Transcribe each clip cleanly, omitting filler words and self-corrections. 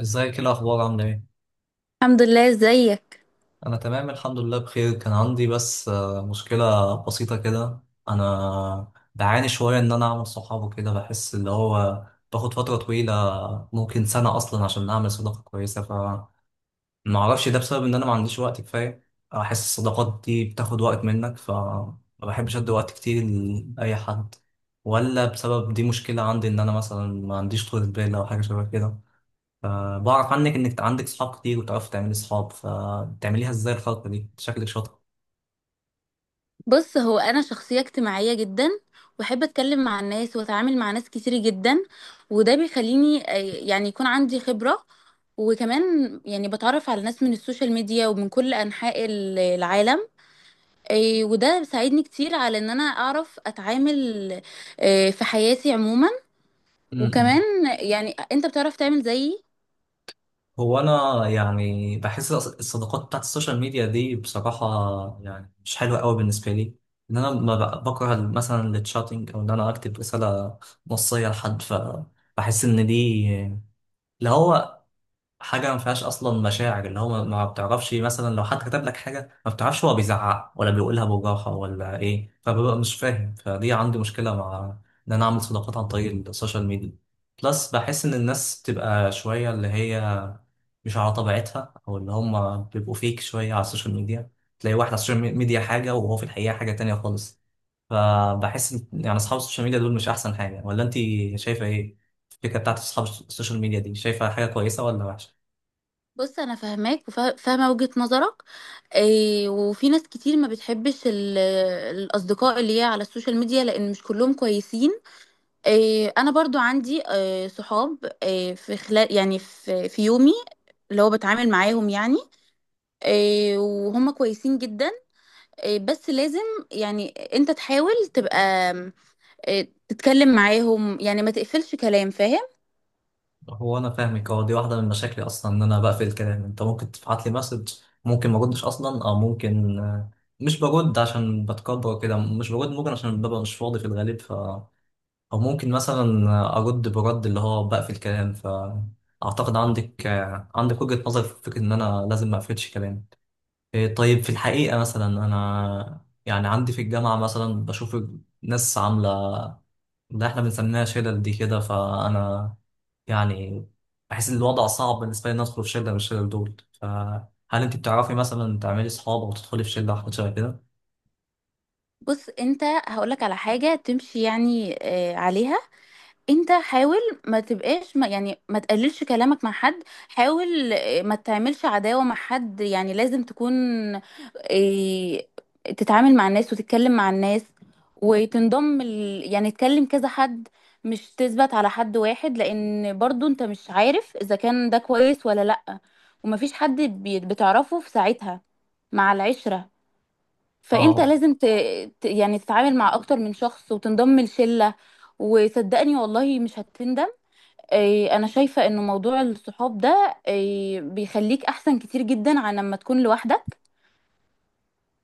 ازيك ايه الاخبار عامله ايه؟ الحمد لله. ازيك؟ انا تمام الحمد لله بخير. كان عندي بس مشكله بسيطه كده. انا بعاني شويه ان انا اعمل صحاب وكده، بحس اللي هو باخد فتره طويله، ممكن سنه اصلا عشان اعمل صداقه كويسه. فما اعرفش ده بسبب ان انا ما عنديش وقت كفايه، احس الصداقات دي بتاخد وقت منك فما بحبش ادي وقت كتير لاي حد، ولا بسبب دي مشكله عندي ان انا مثلا ما عنديش طولة بال او حاجه شبه كده. فبعرف عنك انك عندك صحاب كتير وتعرفي تعملي صحاب، فبتعمليها ازاي الخلطة دي؟ شكلك شاطر. بص، هو انا شخصيه اجتماعيه جدا، واحب اتكلم مع الناس واتعامل مع ناس كتير جدا. وده بيخليني، يعني يكون عندي خبره. وكمان يعني بتعرف على ناس من السوشيال ميديا ومن كل انحاء العالم. وده بيساعدني كتير على ان انا اعرف اتعامل، في حياتي عموما. وكمان م-م. يعني انت بتعرف تعمل زيي. هو انا يعني بحس الصداقات بتاعت السوشيال ميديا دي بصراحة يعني مش حلوة قوي بالنسبة لي. ان انا ما ب- بكره مثلا التشاتنج، او ان انا اكتب رسالة نصية لحد، فبحس ان دي اللي هو حاجة ما فيهاش أصلا مشاعر، اللي هو ما بتعرفش مثلا لو حد كتب لك حاجة، ما بتعرفش هو بيزعق ولا بيقولها بوجاحة ولا إيه، فببقى مش فاهم. فدي عندي مشكلة مع إن أنا أعمل صداقات عن طريق السوشيال ميديا. بلس بحس إن الناس بتبقى شوية اللي هي مش على طبيعتها، أو اللي هم بيبقوا فيك شوية على السوشيال ميديا. تلاقي واحد على السوشيال ميديا حاجة وهو في الحقيقة حاجة تانية خالص. فبحس إن يعني أصحاب السوشيال ميديا دول مش أحسن حاجة، ولا أنت شايفة إيه؟ الفكرة بتاعت أصحاب السوشيال ميديا دي، شايفة حاجة كويسة ولا وحشة؟ بص، انا فاهماك وفاهمه وجهه نظرك. إيه، وفي ناس كتير ما بتحبش الاصدقاء اللي هي على السوشيال ميديا، لان مش كلهم كويسين. إيه، انا برضو عندي، إيه، صحاب، إيه، في خلال يعني في يومي اللي هو بتعامل معاهم يعني. إيه، وهم كويسين جدا. إيه، بس لازم يعني انت تحاول تبقى، إيه، تتكلم معاهم، يعني ما تقفلش كلام، فاهم؟ هو انا فاهمك. هو دي واحده من مشاكلي اصلا، ان انا بقفل الكلام. انت ممكن تبعت لي مسج، ممكن ما اردش اصلا، او ممكن مش برد عشان بتكبر كده، مش برد ممكن عشان ببقى مش فاضي في الغالب، ف او ممكن مثلا ارد برد اللي هو بقفل الكلام. فاعتقد عندك وجهه نظر في فكره ان انا لازم ما اقفلش كلام. إيه، طيب في الحقيقه مثلا انا يعني عندي في الجامعه مثلا بشوف ناس عامله، ده احنا بنسميها شلل دي كده، فانا يعني بحس ان الوضع صعب بالنسبه لي ان ادخل في شله من الشلل دول. فهل انت بتعرفي مثلا تعملي اصحاب او تدخلي في شله أو حاجه شبه كده؟ بص، انت هقولك على حاجه تمشي يعني إيه عليها. انت حاول، ما تبقاش ما يعني ما تقللش كلامك مع حد. حاول، ما تعملش عداوة مع حد، يعني لازم تكون، آه، تتعامل مع الناس وتتكلم مع الناس. وتنضم يعني تكلم كذا حد، مش تثبت على حد واحد، لان برضو انت مش عارف اذا كان ده كويس ولا لأ. ومفيش حد بتعرفه في ساعتها مع العشرة. فانت اه. لازم يعني تتعامل مع اكتر من شخص وتنضم لشلة، وصدقني والله مش هتندم. إيه، انا شايفة انه موضوع الصحاب ده، إيه، بيخليك احسن كتير جدا عن لما تكون لوحدك.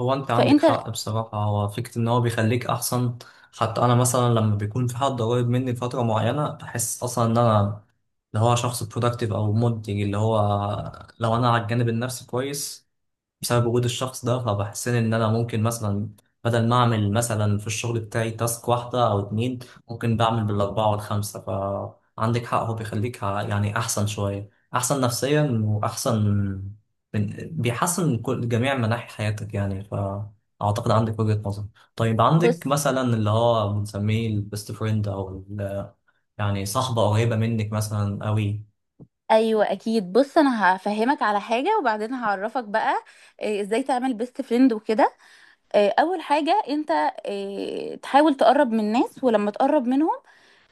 هو انت عندك فانت حق بصراحه، هو فكره ان هو بيخليك احسن. حتى انا مثلا لما بيكون في حد قريب مني لفتره معينه بحس اصلا ان انا اللي هو شخص productive او منتج، اللي هو لو انا على الجانب النفسي كويس بسبب وجود الشخص ده، فبحسين ان انا ممكن مثلا بدل ما اعمل مثلا في الشغل بتاعي تاسك واحدة او اتنين، ممكن بعمل بالاربعة والخمسة. فعندك حق هو بيخليك يعني احسن شوية، احسن نفسيا واحسن، بيحسن من كل جميع مناحي حياتك يعني. فاعتقد عندك وجهة نظر. طيب عندك بص، مثلا اللي هو بنسميه البيست فريند او يعني صاحبة قريبة منك مثلا قوي؟ ايوه اكيد. بص، انا هفهمك على حاجة وبعدين هعرفك بقى، إيه، ازاي تعمل بيست فريند وكده. إيه، اول حاجة انت، إيه، تحاول تقرب من الناس، ولما تقرب منهم،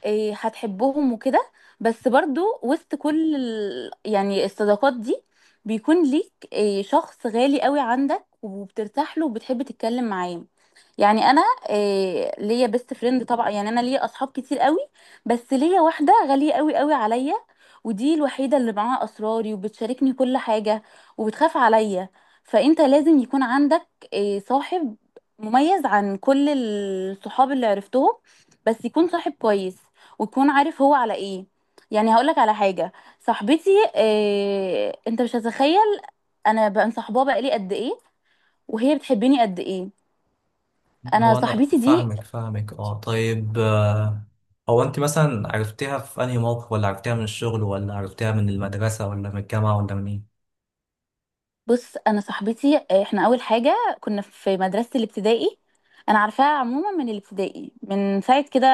إيه، هتحبهم وكده. بس برضو وسط كل يعني الصداقات دي، بيكون ليك، إيه، شخص غالي قوي عندك وبترتاح له وبتحب تتكلم معاه. يعني انا، إيه، ليا بيست فريند طبعا، يعني انا ليا اصحاب كتير قوي، بس ليا واحده غاليه قوي قوي عليا. ودي الوحيده اللي معاها اسراري وبتشاركني كل حاجه وبتخاف عليا. فانت لازم يكون عندك، إيه، صاحب مميز عن كل الصحاب اللي عرفتهم. بس يكون صاحب كويس، ويكون عارف هو على ايه. يعني هقولك على حاجة. صاحبتي، إيه، انت مش هتتخيل انا بقى مصاحباها بقالي قد ايه، وهي بتحبني قد ايه. انا هو انا صاحبتي دي، فاهمك، اه. طيب هو انت مثلا عرفتيها في انهي موقف، ولا عرفتيها من الشغل، ولا عرفتيها من المدرسة، ولا من الجامعة، ولا من ايه؟ بص، انا صاحبتي، احنا اول حاجة كنا في مدرسة الابتدائي. انا عارفاها عموما من الابتدائي، من ساعة كده،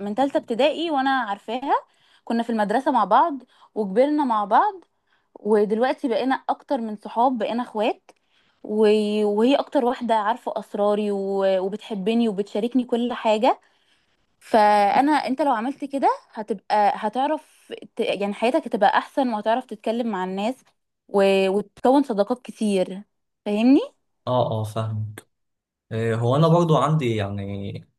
من تالتة ابتدائي وانا عارفاها. كنا في المدرسة مع بعض، وكبرنا مع بعض، ودلوقتي بقينا اكتر من صحاب، بقينا اخوات. و- وهي اكتر واحدة عارفة اسراري و- وبتحبني وبتشاركني كل حاجة. فانا، انت لو عملت كده هتبقى هتعرف يعني حياتك هتبقى احسن وهتعرف تتكلم مع الناس و- وتكون صداقات كتير. فاهمني؟ اه اه، فاهمك. هو انا برضو عندي يعني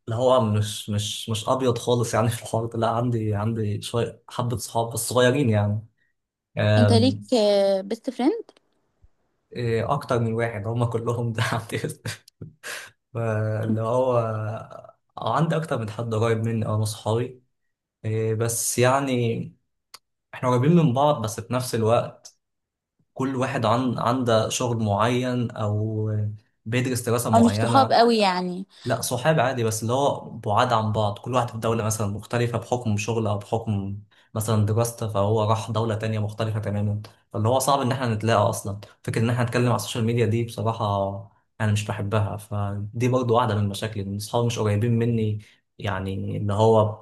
اللي هو مش ابيض خالص يعني في الحوار ده. لا، عندي شوية حبة صحاب بس صغيرين يعني. انت ليك آم، بيست فريند اكتر من واحد هم كلهم ده عندي. اللي هو عندي اكتر من حد قريب مني، اه، من صحابي. بس يعني احنا قريبين من بعض، بس في نفس الوقت كل واحد عن عنده شغل معين او بيدرس دراسة او مش صحاب معينة. قوي يعني؟ لا، صحاب عادي، بس اللي هو بعاد عن بعض، كل واحد في دولة مثلا مختلفة بحكم شغل او بحكم مثلا دراسته، فهو راح دولة تانية مختلفة تماما. فاللي هو صعب ان احنا نتلاقى اصلا. فكرة ان احنا نتكلم على السوشيال ميديا دي بصراحة انا مش بحبها. فدي برضو واحدة من المشاكل ان اصحابي مش قريبين مني، يعني اللي هو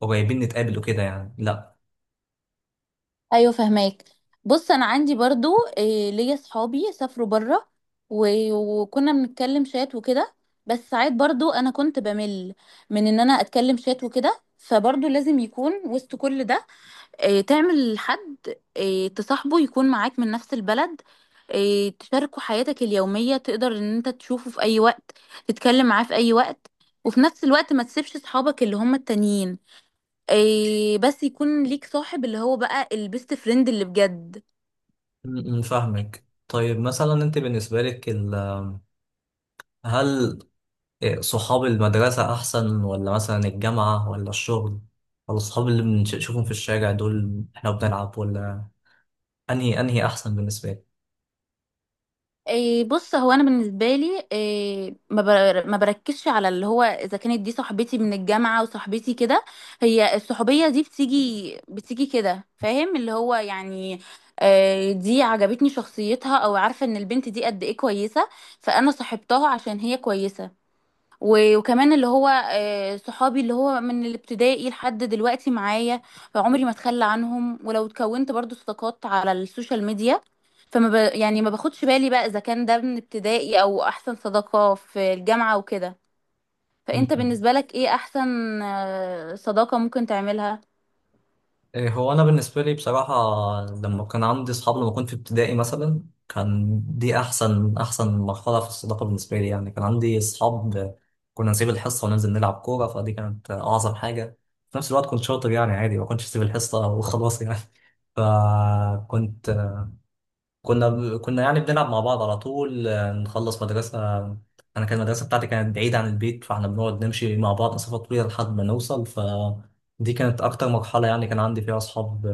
قريبين نتقابل وكده يعني، لا. ايوه، فهماك. بص، انا عندي برضو، إيه، ليا صحابي سافروا بره و- وكنا بنتكلم شات وكده. بس ساعات برضو انا كنت بمل من ان انا اتكلم شات وكده، فبرضو لازم يكون وسط كل ده، إيه، تعمل حد، إيه، تصاحبه يكون معاك من نفس البلد. إيه، تشاركوا حياتك اليومية، تقدر ان انت تشوفه في اي وقت، تتكلم معاه في اي وقت. وفي نفس الوقت ما تسيبش صحابك اللي هم التانيين، إيه، بس يكون ليك صاحب اللي هو بقى البيست فريند اللي بجد. م- م، فاهمك. طيب مثلا انت بالنسبة لك هل صحاب المدرسة أحسن، ولا مثلا الجامعة، ولا الشغل، ولا الصحاب اللي بنشوفهم في الشارع دول احنا بنلعب، ولا أنهي أحسن بالنسبة إيه، بص، هو انا بالنسبه لي، إيه، ما بركزش على اللي هو اذا كانت دي صاحبتي من الجامعه وصاحبتي كده. هي الصحوبيه دي بتيجي بتيجي كده، فاهم؟ اللي هو يعني، إيه، دي عجبتني شخصيتها، او عارفه ان البنت دي قد ايه كويسه. فانا صاحبتها عشان هي كويسه، و- وكمان اللي هو، صحابي اللي هو من الابتدائي لحد دلوقتي معايا. فعمري ما اتخلى عنهم، ولو اتكونت برضو صداقات على السوشيال ميديا. يعني ما باخدش بالي بقى اذا كان ده من ابتدائي او احسن صداقة في الجامعة وكده. فانت لك؟ بالنسبة لك ايه احسن، صداقة ممكن تعملها؟ إيه، هو انا بالنسبه لي بصراحه لما كان عندي اصحاب، لما كنت في ابتدائي مثلا، كان دي احسن احسن مرحله في الصداقه بالنسبه لي. يعني كان عندي اصحاب، كنا نسيب الحصه وننزل نلعب كوره، فدي كانت اعظم حاجه. في نفس الوقت كنت شاطر يعني عادي، ما كنتش اسيب الحصه وخلاص يعني فكنت كنا كنا يعني بنلعب مع بعض على طول، نخلص مدرسه، انا كان المدرسه بتاعتي كانت بعيده عن البيت، فاحنا بنقعد نمشي مع بعض مسافه طويله لحد ما نوصل. ف دي كانت أكتر مرحلة يعني كان عندي فيها أصحاب،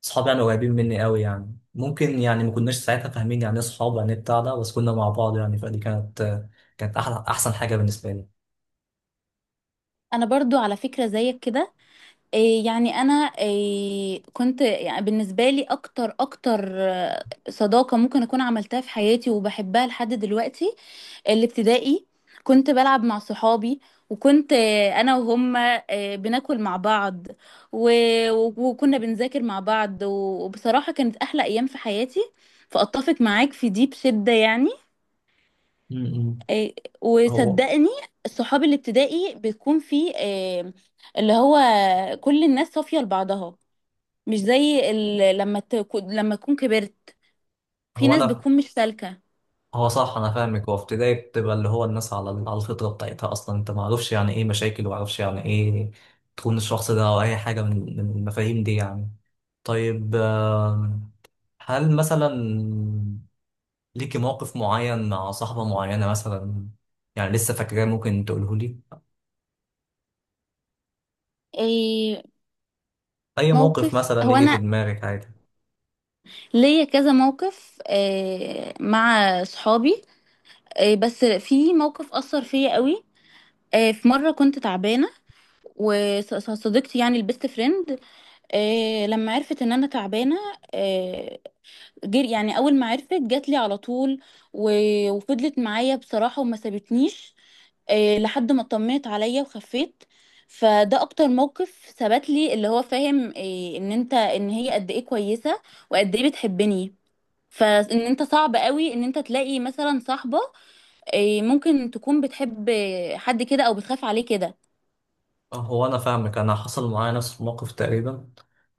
صحابي يعني قريبين مني قوي. يعني ممكن يعني ما كناش ساعتها فاهمين يعني ايه صحاب، يعني إيه بتاع ده، بس كنا مع بعض يعني. فدي كانت احلى احسن حاجه بالنسبه لي. انا برضو على فكرة زيك كده. إيه، يعني انا، إيه، كنت يعني بالنسبة لي اكتر اكتر، صداقة ممكن اكون عملتها في حياتي وبحبها لحد دلوقتي، الابتدائي. كنت بلعب مع صحابي، وكنت، انا وهم، بناكل مع بعض و... وكنا بنذاكر مع بعض، و- وبصراحة كانت احلى ايام في حياتي. فاتفق معاك في دي بشدة يعني. م-م. آه، هو وصدقني صحاب الابتدائي بيكون في، اللي هو كل الناس صافية لبعضها، مش زي لما تكون كبرت. في هو ناس انا، بتكون مش سالكة، هو صح، انا فاهمك. هو في ابتدائي بتبقى اللي هو الناس على الفطره بتاعتها اصلا، انت ما عارفش يعني ايه مشاكل، وما عارفش يعني ايه تكون الشخص ده او اي حاجه من المفاهيم دي يعني. طيب، هل مثلا ليكي موقف معين مع صاحبه معينه مثلا، يعني لسه فاكراه، ممكن تقوله لي؟ إيه. اي موقف موقف، مثلا هو يجي في انا دماغك عادي. ليا كذا موقف، مع صحابي. بس في موقف أثر فيا قوي. في مرة كنت تعبانة، وصديقتي يعني البيست فريند، لما عرفت ان انا تعبانه، آه، يعني اول ما عرفت جات لي على طول و- وفضلت معايا بصراحه وما سابتنيش، لحد ما اطمنت عليا وخفيت. فده اكتر موقف ثبت لي اللي هو، فاهم، ان انت ان هي قد ايه كويسه، وقد ايه بتحبني. فان انت صعب قوي ان انت تلاقي مثلا صاحبة، إيه، ممكن تكون بتحب حد كده او بتخاف عليه كده. أه، هو انا فاهمك. انا حصل معايا نفس الموقف تقريبا.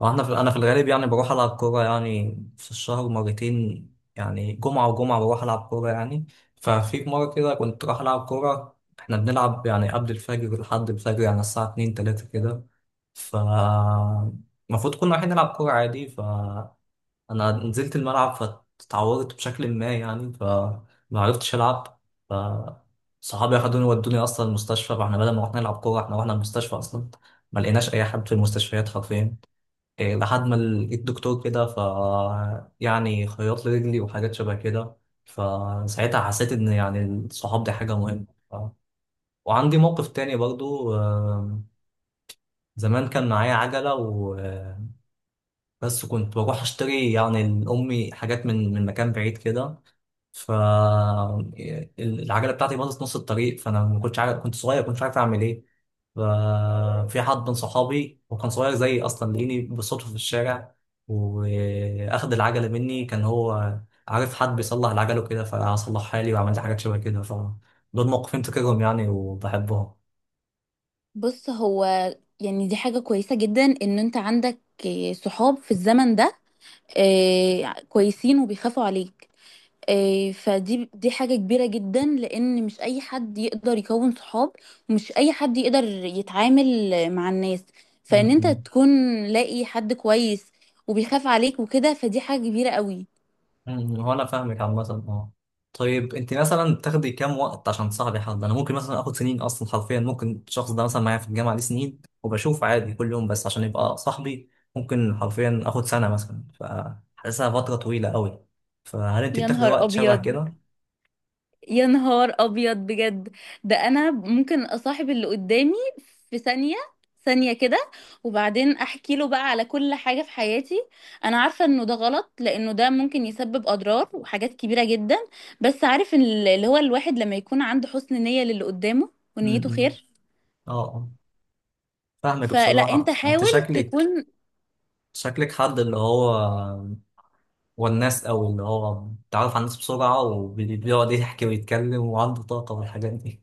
واحنا في انا في الغالب يعني بروح العب كوره يعني في الشهر مرتين، يعني جمعه وجمعه بروح العب كوره يعني. ففي مره كده كنت رايح العب كوره، احنا بنلعب يعني قبل الفجر لحد الفجر يعني الساعه 2 3 كده. ف المفروض كنا رايحين نلعب كوره عادي، ف انا نزلت الملعب، فتعورت بشكل ما يعني فما عرفتش العب. ف صحابي اخدوني ودوني اصلا المستشفى، فاحنا بدل ما رحنا نلعب كوره احنا رحنا المستشفى اصلا. ما لقيناش اي حد في المستشفيات حرفيا. إيه، لحد ما لقيت دكتور كده، ف يعني خيط لي رجلي وحاجات شبه كده. فساعتها حسيت ان يعني الصحاب دي حاجه مهمه. ف... وعندي موقف تاني برضو. زمان كان معايا عجله، بس كنت بروح اشتري يعني لأمي حاجات من مكان بعيد كده. فالعجلة بتاعتي باظت نص الطريق، فأنا ما كنتش عارف، كنت صغير كنتش عارف أعمل إيه. ففي حد من صحابي وكان صغير زيي أصلا، لقيني بالصدفة في الشارع، وأخد العجلة مني، كان هو عارف حد بيصلح العجلة وكده، فصلحها لي وعملت حاجات شبه كده. فدول موقفين تكرهم يعني وبحبهم. بص، هو يعني دي حاجة كويسة جدا ان انت عندك، إيه، صحاب في الزمن ده، إيه، كويسين وبيخافوا عليك، إيه، فدي حاجة كبيرة جدا لان مش اي حد يقدر يكون صحاب، ومش اي حد يقدر يتعامل مع الناس. فان انت تكون لاقي حد كويس وبيخاف عليك وكده، فدي حاجة كبيرة قوي. هو انا فاهمك عامة. اه. طيب انت مثلا بتاخدي كام وقت عشان تصاحبي حد؟ انا ممكن مثلا اخد سنين اصلا حرفيا، ممكن الشخص ده مثلا معايا في الجامعة دي سنين وبشوف عادي كل يوم بس عشان يبقى صاحبي، ممكن حرفيا اخد سنة مثلا، فحاسسها فترة طويلة قوي. فهل انت يا بتاخدي نهار وقت شبه ابيض، كده؟ يا نهار ابيض بجد. ده انا ممكن اصاحب اللي قدامي في ثانية، ثانية كده. وبعدين احكي له بقى على كل حاجة في حياتي. انا عارفة انه ده غلط، لانه ده ممكن يسبب اضرار وحاجات كبيرة جدا. بس عارف إن اللي هو الواحد لما يكون عنده حسن نية للي قدامه ونيته امم، خير. اه، آه. فاهمك فلا، انت بصراحة. انت حاول شكلك تكون، شكلك حد اللي هو والناس قوي، اللي هو بيتعرف على الناس بسرعة وبيقعد يحكي ويتكلم وعنده طاقة والحاجات دي.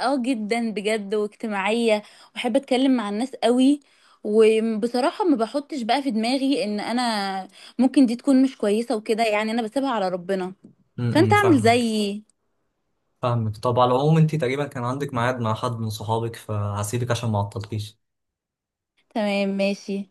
اه، جدا بجد، واجتماعية، واحب اتكلم مع الناس قوي. وبصراحة ما بحطش بقى في دماغي ان انا ممكن دي تكون مش كويسة وكده، يعني انا بسيبها على ربنا. فانت امم، اعمل فاهمك زيي. فاهمك طب على العموم انت تقريبا كان عندك ميعاد مع حد من صحابك فهسيبك عشان ما اعطلكيش. تمام، ماشي.